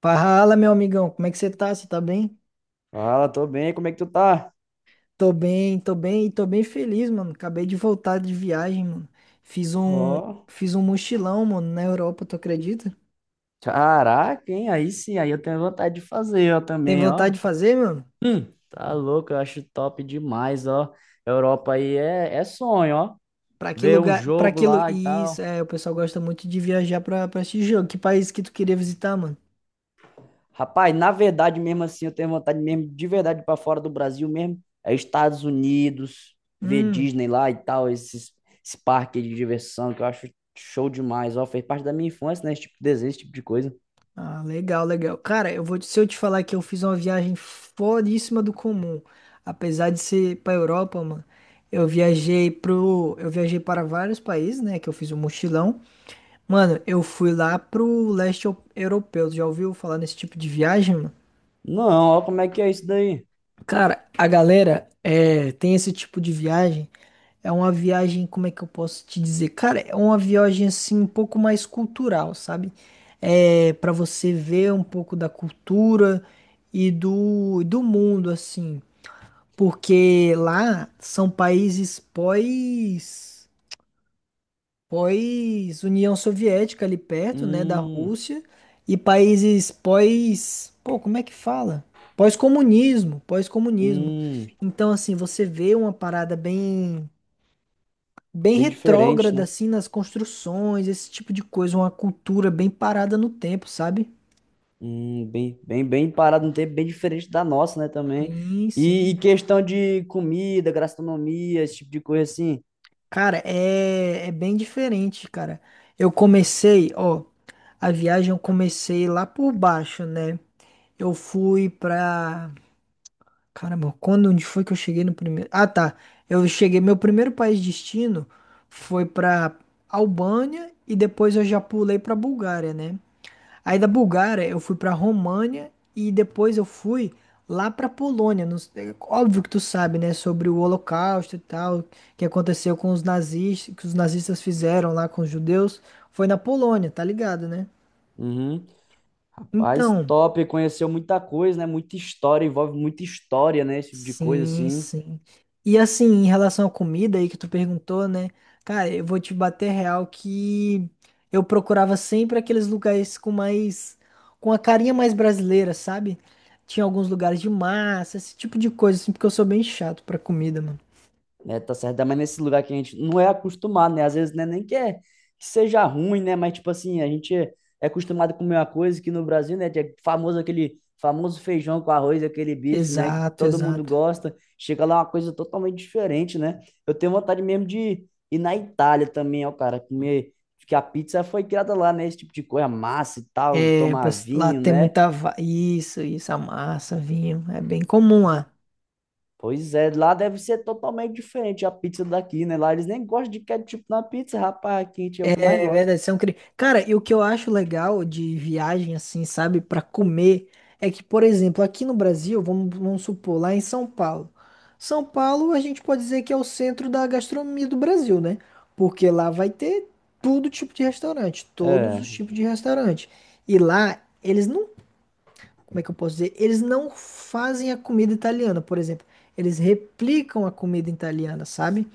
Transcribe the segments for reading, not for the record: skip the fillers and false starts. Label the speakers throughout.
Speaker 1: Fala, meu amigão, como é que você tá? Você tá bem?
Speaker 2: Fala, tô bem, como é que tu tá?
Speaker 1: Tô bem e tô bem feliz, mano. Acabei de voltar de viagem, mano. Fiz um,
Speaker 2: Ó,
Speaker 1: fiz um mochilão, mano, na Europa, tu acredita?
Speaker 2: caraca, hein? Aí sim, aí eu tenho vontade de fazer, ó,
Speaker 1: Tem
Speaker 2: também, ó.
Speaker 1: vontade de fazer, mano?
Speaker 2: Tá louco, eu acho top demais, ó. Europa aí é sonho, ó.
Speaker 1: Pra que
Speaker 2: Ver um
Speaker 1: lugar, pra
Speaker 2: jogo
Speaker 1: que lu...
Speaker 2: lá e
Speaker 1: Isso,
Speaker 2: tal.
Speaker 1: é, o pessoal gosta muito de viajar pra esse jogo. Que país que tu queria visitar, mano?
Speaker 2: Rapaz, na verdade mesmo assim, eu tenho vontade mesmo, de verdade, pra fora do Brasil mesmo. É Estados Unidos, ver
Speaker 1: Hum.
Speaker 2: Disney lá e tal, esse parque de diversão que eu acho show demais, ó. Fez parte da minha infância, né? Esse tipo de desenho, esse tipo de coisa.
Speaker 1: Ah, legal, legal. Cara, se eu te falar que eu fiz uma viagem foríssima do comum, apesar de ser pra Europa, mano, eu viajei para vários países, né, que eu fiz um mochilão. Mano, eu fui lá pro leste eu- europeu. Já ouviu falar nesse tipo de viagem, mano?
Speaker 2: Não, ó, como é que é isso daí?
Speaker 1: Cara, a galera é, tem esse tipo de viagem. É uma viagem, como é que eu posso te dizer? Cara, é uma viagem assim um pouco mais cultural, sabe? É para você ver um pouco da cultura e do mundo, assim. Porque lá são países pós União Soviética ali perto, né, da
Speaker 2: Hum,
Speaker 1: Rússia e países pós, pô, como é que fala? Pós-comunismo.
Speaker 2: hum,
Speaker 1: Então assim, você vê uma parada bem
Speaker 2: bem diferente,
Speaker 1: retrógrada
Speaker 2: né?
Speaker 1: assim nas construções, esse tipo de coisa, uma cultura bem parada no tempo, sabe?
Speaker 2: Bem parado no tempo, bem diferente da nossa, né, também.
Speaker 1: Sim,
Speaker 2: E,
Speaker 1: sim.
Speaker 2: e questão de comida, gastronomia, esse tipo de coisa assim.
Speaker 1: Cara, é bem diferente, cara. Eu comecei, ó, a viagem eu comecei lá por baixo, né? Eu fui pra Caramba, quando onde foi que eu cheguei no primeiro? Ah, tá. Eu cheguei, meu primeiro país de destino foi pra Albânia e depois eu já pulei pra Bulgária, né? Aí da Bulgária eu fui pra România e depois eu fui lá pra Polônia. Não sei- é óbvio que tu sabe, né, sobre o Holocausto e tal, que aconteceu com os nazistas, que os nazistas fizeram lá com os judeus, foi na Polônia, tá ligado, né?
Speaker 2: Uhum. Rapaz,
Speaker 1: Então,
Speaker 2: top, conheceu muita coisa, né? Muita história, envolve muita história, né? Esse tipo de coisa
Speaker 1: sim,
Speaker 2: assim.
Speaker 1: sim. E assim, em relação à comida aí que tu perguntou, né? Cara, eu vou te bater real que eu procurava sempre aqueles lugares com mais, com a carinha mais brasileira, sabe? Tinha alguns lugares de massa, esse tipo de coisa, assim, porque eu sou bem chato pra comida, mano.
Speaker 2: Né? Tá certo, mas nesse lugar que a gente não é acostumado, né? Às vezes né, nem que, é, que seja ruim, né? Mas, tipo assim, a gente é é acostumado a comer uma coisa que no Brasil, né? É famoso aquele famoso feijão com arroz, aquele bife, né? Que
Speaker 1: Exato,
Speaker 2: todo mundo
Speaker 1: exato.
Speaker 2: gosta. Chega lá é uma coisa totalmente diferente, né? Eu tenho vontade mesmo de ir na Itália também, ó, cara, comer. Porque a pizza foi criada lá, né? Esse tipo de coisa, massa e tal,
Speaker 1: É,
Speaker 2: tomar
Speaker 1: lá
Speaker 2: vinho,
Speaker 1: tem
Speaker 2: né?
Speaker 1: muita, isso, isso, a massa, vinho, é bem comum lá.
Speaker 2: Pois é, lá deve ser totalmente diferente a pizza daqui, né? Lá eles nem gostam de ketchup na pizza, rapaz, quente é o que mais
Speaker 1: É
Speaker 2: gosta.
Speaker 1: verdade, são cri... Cara, e o que eu acho legal de viagem, assim, sabe, pra comer, é que, por exemplo, aqui no Brasil, vamos supor, lá em São Paulo. São Paulo, a gente pode dizer que é o centro da gastronomia do Brasil, né? Porque lá vai ter todo tipo de restaurante, todos
Speaker 2: É,
Speaker 1: os tipos de restaurante. E lá, eles não, como é que eu posso dizer? Eles não fazem a comida italiana, por exemplo. Eles replicam a comida italiana, sabe?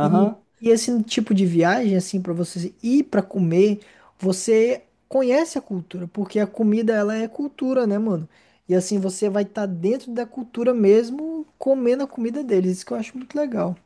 Speaker 1: E, e esse tipo de viagem, assim, para você ir para comer, você conhece a cultura, porque a comida, ela é cultura, né, mano? E assim, você vai estar dentro da cultura mesmo, comendo a comida deles, isso que eu acho muito legal.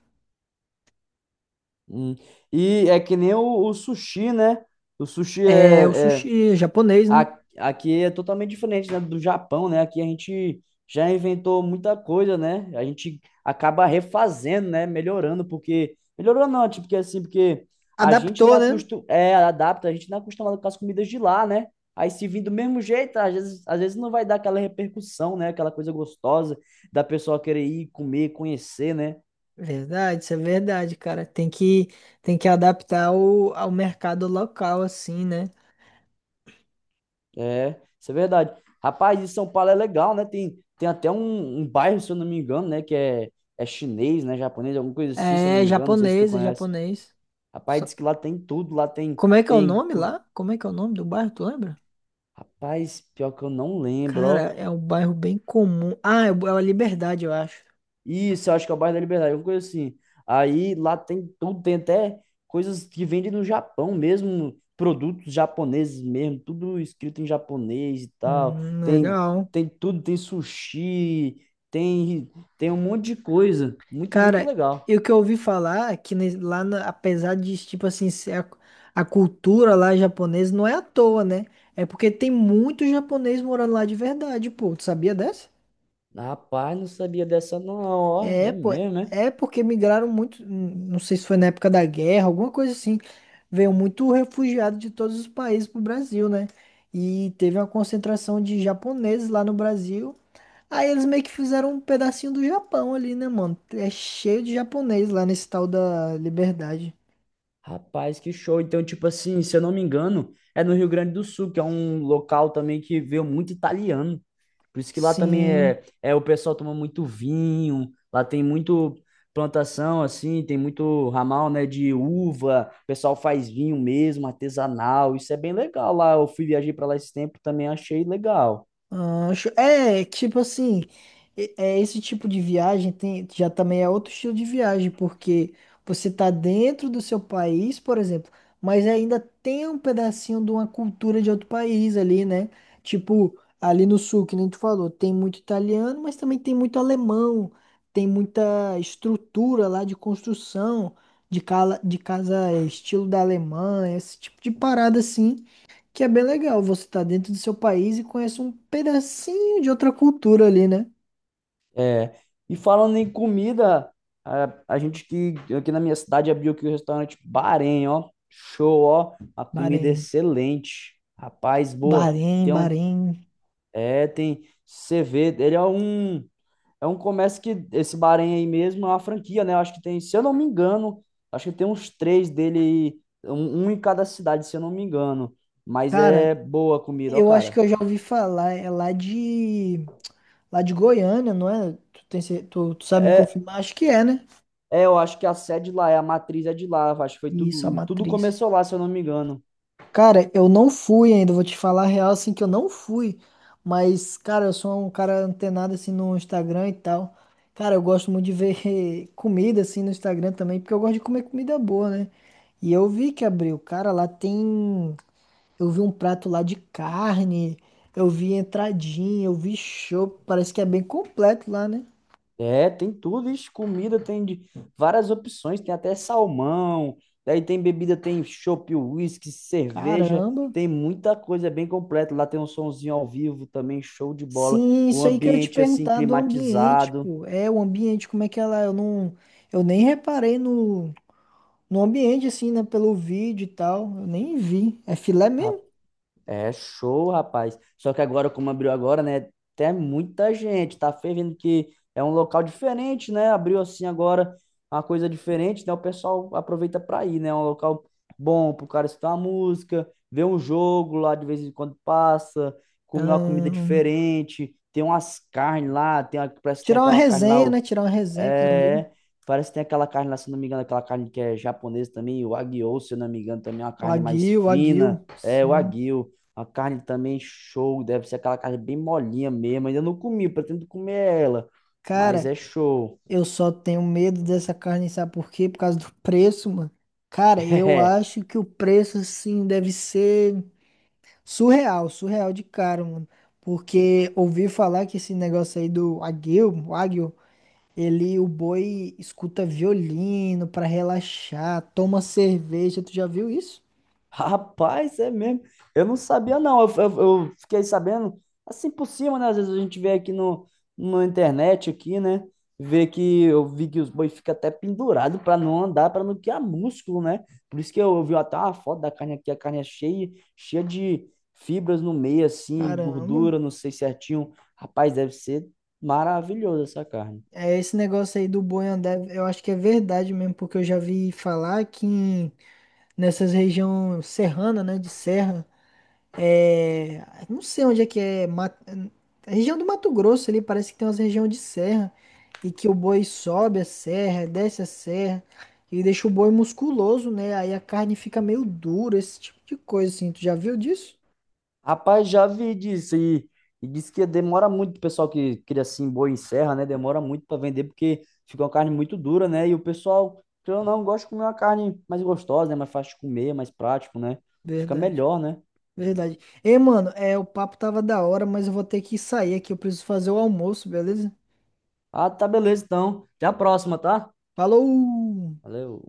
Speaker 2: Hum. E é que nem o sushi, né? O sushi
Speaker 1: É, o
Speaker 2: é, é
Speaker 1: sushi é japonês, né?
Speaker 2: A- aqui é totalmente diferente, né, do Japão, né? Aqui a gente já inventou muita coisa, né? A gente acaba refazendo, né? Melhorando, porque. Melhorando não, tipo, porque assim, porque a gente não
Speaker 1: Adaptou,
Speaker 2: é,
Speaker 1: né?
Speaker 2: acostu... é adapta, a gente não é acostumado com as comidas de lá, né? Aí se vir do mesmo jeito, às vezes não vai dar aquela repercussão, né? Aquela coisa gostosa da pessoa querer ir comer, conhecer, né?
Speaker 1: Verdade, isso é verdade, cara. Tem que adaptar o, ao mercado local, assim, né?
Speaker 2: É, isso é verdade. Rapaz, e São Paulo é legal, né? Tem até um bairro, se eu não me engano, né? É chinês, né? Japonês, alguma coisa assim, se eu não
Speaker 1: É,
Speaker 2: me engano. Não sei se tu
Speaker 1: japonês, é
Speaker 2: conhece.
Speaker 1: japonês.
Speaker 2: Rapaz,
Speaker 1: Só-
Speaker 2: diz que lá tem tudo. Lá tem,
Speaker 1: como é que é o
Speaker 2: tem...
Speaker 1: nome
Speaker 2: co-
Speaker 1: lá? Como é que é o nome do bairro, tu lembra?
Speaker 2: Rapaz, pior que eu não lembro, ó.
Speaker 1: Cara, é um bairro bem comum. Ah, é a Liberdade, eu acho.
Speaker 2: Isso, eu acho que é o bairro da Liberdade, alguma coisa assim. Aí lá tem tudo, tem até coisas que vendem no Japão mesmo, produtos japoneses mesmo, tudo escrito em japonês e tal. Tem,
Speaker 1: Legal.
Speaker 2: tem tudo, tem sushi, tem, tem um monte de coisa. Muito
Speaker 1: Cara,
Speaker 2: legal.
Speaker 1: e o que eu ouvi falar é que apesar de, tipo assim, a cultura lá japonesa não é à toa, né? É porque tem muito japonês morando lá de verdade, pô. Tu sabia dessa?
Speaker 2: Rapaz, não sabia dessa não, ó, é
Speaker 1: É, pô.
Speaker 2: mesmo, né?
Speaker 1: É porque migraram muito, não sei se foi na época da guerra, alguma coisa assim. Veio muito refugiado de todos os países pro Brasil, né? E teve uma concentração de japoneses lá no Brasil. Aí eles meio que fizeram um pedacinho do Japão ali, né, mano? É cheio de japonês lá nesse tal da Liberdade.
Speaker 2: Rapaz, que show. Então, tipo assim, se eu não me engano, é no Rio Grande do Sul, que é um local também que veio muito italiano. Por isso que lá também
Speaker 1: Sim,
Speaker 2: é o pessoal toma muito vinho, lá tem muito plantação assim, tem muito ramal, né, de uva, o pessoal faz vinho mesmo, artesanal, isso é bem legal lá. Eu fui viajar para lá esse tempo, também achei legal.
Speaker 1: Ancho. É, tipo assim, é esse tipo de viagem tem, já também é outro estilo de viagem, porque você tá dentro do seu país, por exemplo, mas ainda tem um pedacinho de uma cultura de outro país ali, né? Tipo, ali no sul, que nem tu falou, tem muito italiano, mas também tem muito alemão, tem muita estrutura lá de construção, de, cala, de casa é, estilo da Alemanha, esse tipo de parada assim. Que é bem legal, você tá dentro do seu país e conhece um pedacinho de outra cultura ali, né?
Speaker 2: É, e falando em comida, a gente que aqui na minha cidade abriu aqui o restaurante Bahrein, ó. Show, ó. A comida é
Speaker 1: Bahrein.
Speaker 2: excelente. Rapaz, boa. Tem um.
Speaker 1: Bahrein.
Speaker 2: É, tem. Você vê, ele é um. É um comércio que esse Bahrein aí mesmo é uma franquia, né? Eu acho que tem, se eu não me engano, acho que tem uns três dele, aí, um em cada cidade, se eu não me engano. Mas é
Speaker 1: Cara,
Speaker 2: boa a comida, ó,
Speaker 1: eu acho
Speaker 2: cara.
Speaker 1: que eu já ouvi falar, é lá de Goiânia, não é? Tu, tem, cer- tu, tu sabe me
Speaker 2: É,
Speaker 1: confirmar? Acho que é, né?
Speaker 2: eu acho que a sede lá, é a matriz é de lá. Acho que foi
Speaker 1: Isso, a
Speaker 2: tudo
Speaker 1: matriz.
Speaker 2: começou lá, se eu não me engano.
Speaker 1: Cara, eu não fui ainda, vou te falar a real, assim, que eu não fui. Mas, cara, eu sou um cara antenado, assim, no Instagram e tal. Cara, eu gosto muito de ver comida, assim, no Instagram também, porque eu gosto de comer comida boa, né? E eu vi que abriu. Cara, lá tem... Eu vi um prato lá de carne, eu vi entradinha, eu vi chopp. Parece que é bem completo lá, né?
Speaker 2: É, tem tudo, ixi, comida tem de várias opções, tem até salmão, daí tem bebida, tem chopp, whisky, cerveja,
Speaker 1: Caramba!
Speaker 2: tem muita coisa, é bem completo. Lá tem um sonzinho ao vivo também, show de bola,
Speaker 1: Sim,
Speaker 2: o
Speaker 1: isso aí que eu ia te
Speaker 2: ambiente assim
Speaker 1: perguntar do ambiente,
Speaker 2: climatizado.
Speaker 1: pô. É, o ambiente, como é que é lá? Eu não... Eu nem reparei no... No ambiente, assim, né? Pelo vídeo e tal. Eu nem vi. É filé mesmo?
Speaker 2: É show, rapaz. Só que agora, como abriu agora, né? Tem muita gente. Tá fervendo que é um local diferente, né? Abriu assim agora uma coisa diferente, né? O pessoal aproveita pra ir, né? É um local bom pro cara escutar uma música, ver um jogo lá de vez em quando passa, comer uma comida
Speaker 1: Ahn,
Speaker 2: diferente. Tem umas carnes lá, tem, uma- parece que tem
Speaker 1: tirar uma
Speaker 2: aquela carne lá,
Speaker 1: resenha, né? Tirar uma resenha com os amigos.
Speaker 2: é, parece que tem aquela carne lá, se eu não me engano, aquela carne que é japonesa também, o Wagyu, se eu não me engano, também é uma carne mais
Speaker 1: O
Speaker 2: fina.
Speaker 1: aguil.
Speaker 2: É, o
Speaker 1: Sim.
Speaker 2: Wagyu, uma carne também show, deve ser aquela carne bem molinha mesmo. Ainda não comi, pretendo comer ela, mas
Speaker 1: Cara,
Speaker 2: é show.
Speaker 1: eu só tenho medo dessa carne, sabe por quê? Por causa do preço, mano. Cara, eu acho que o preço, assim, deve ser surreal de caro, mano. Porque ouvi falar que esse negócio aí do aguil, o aguil. Ele, o boi escuta violino pra relaxar, toma cerveja, tu já viu isso?
Speaker 2: Rapaz, é mesmo. Eu não sabia, não. Eu fiquei sabendo assim por cima, né? Às vezes a gente vê aqui no, na internet aqui, né? Vê que eu vi que os boi ficam até pendurado para não andar, para não criar músculo, né? Por isso que eu vi até uma foto da carne aqui, a carne é cheia de fibras no meio, assim,
Speaker 1: Caramba.
Speaker 2: gordura, não sei certinho. Rapaz, deve ser maravilhoso essa carne.
Speaker 1: É esse negócio aí do boi andar, eu acho que é verdade mesmo, porque eu já vi falar que nessas regiões serrana, né, de serra, é, não sei onde é que é. A região do Mato Grosso ali parece que tem umas regiões de serra e que o boi sobe a serra, desce a serra e deixa o boi musculoso, né? Aí a carne fica meio dura, esse tipo de coisa assim. Tu já viu disso?
Speaker 2: Rapaz, já vi disso e disse que demora muito o pessoal que cria assim boi em serra, né? Demora muito para vender porque fica uma carne muito dura, né? E o pessoal, querendo ou não, gosta de comer uma carne mais gostosa, né? Mais fácil de comer, mais prático, né? Fica
Speaker 1: Verdade,
Speaker 2: melhor, né?
Speaker 1: verdade. Ei, mano, o papo tava da hora, mas eu vou ter que sair aqui. Eu preciso fazer o almoço, beleza?
Speaker 2: Ah, tá beleza então. Até a próxima, tá?
Speaker 1: Falou!
Speaker 2: Valeu.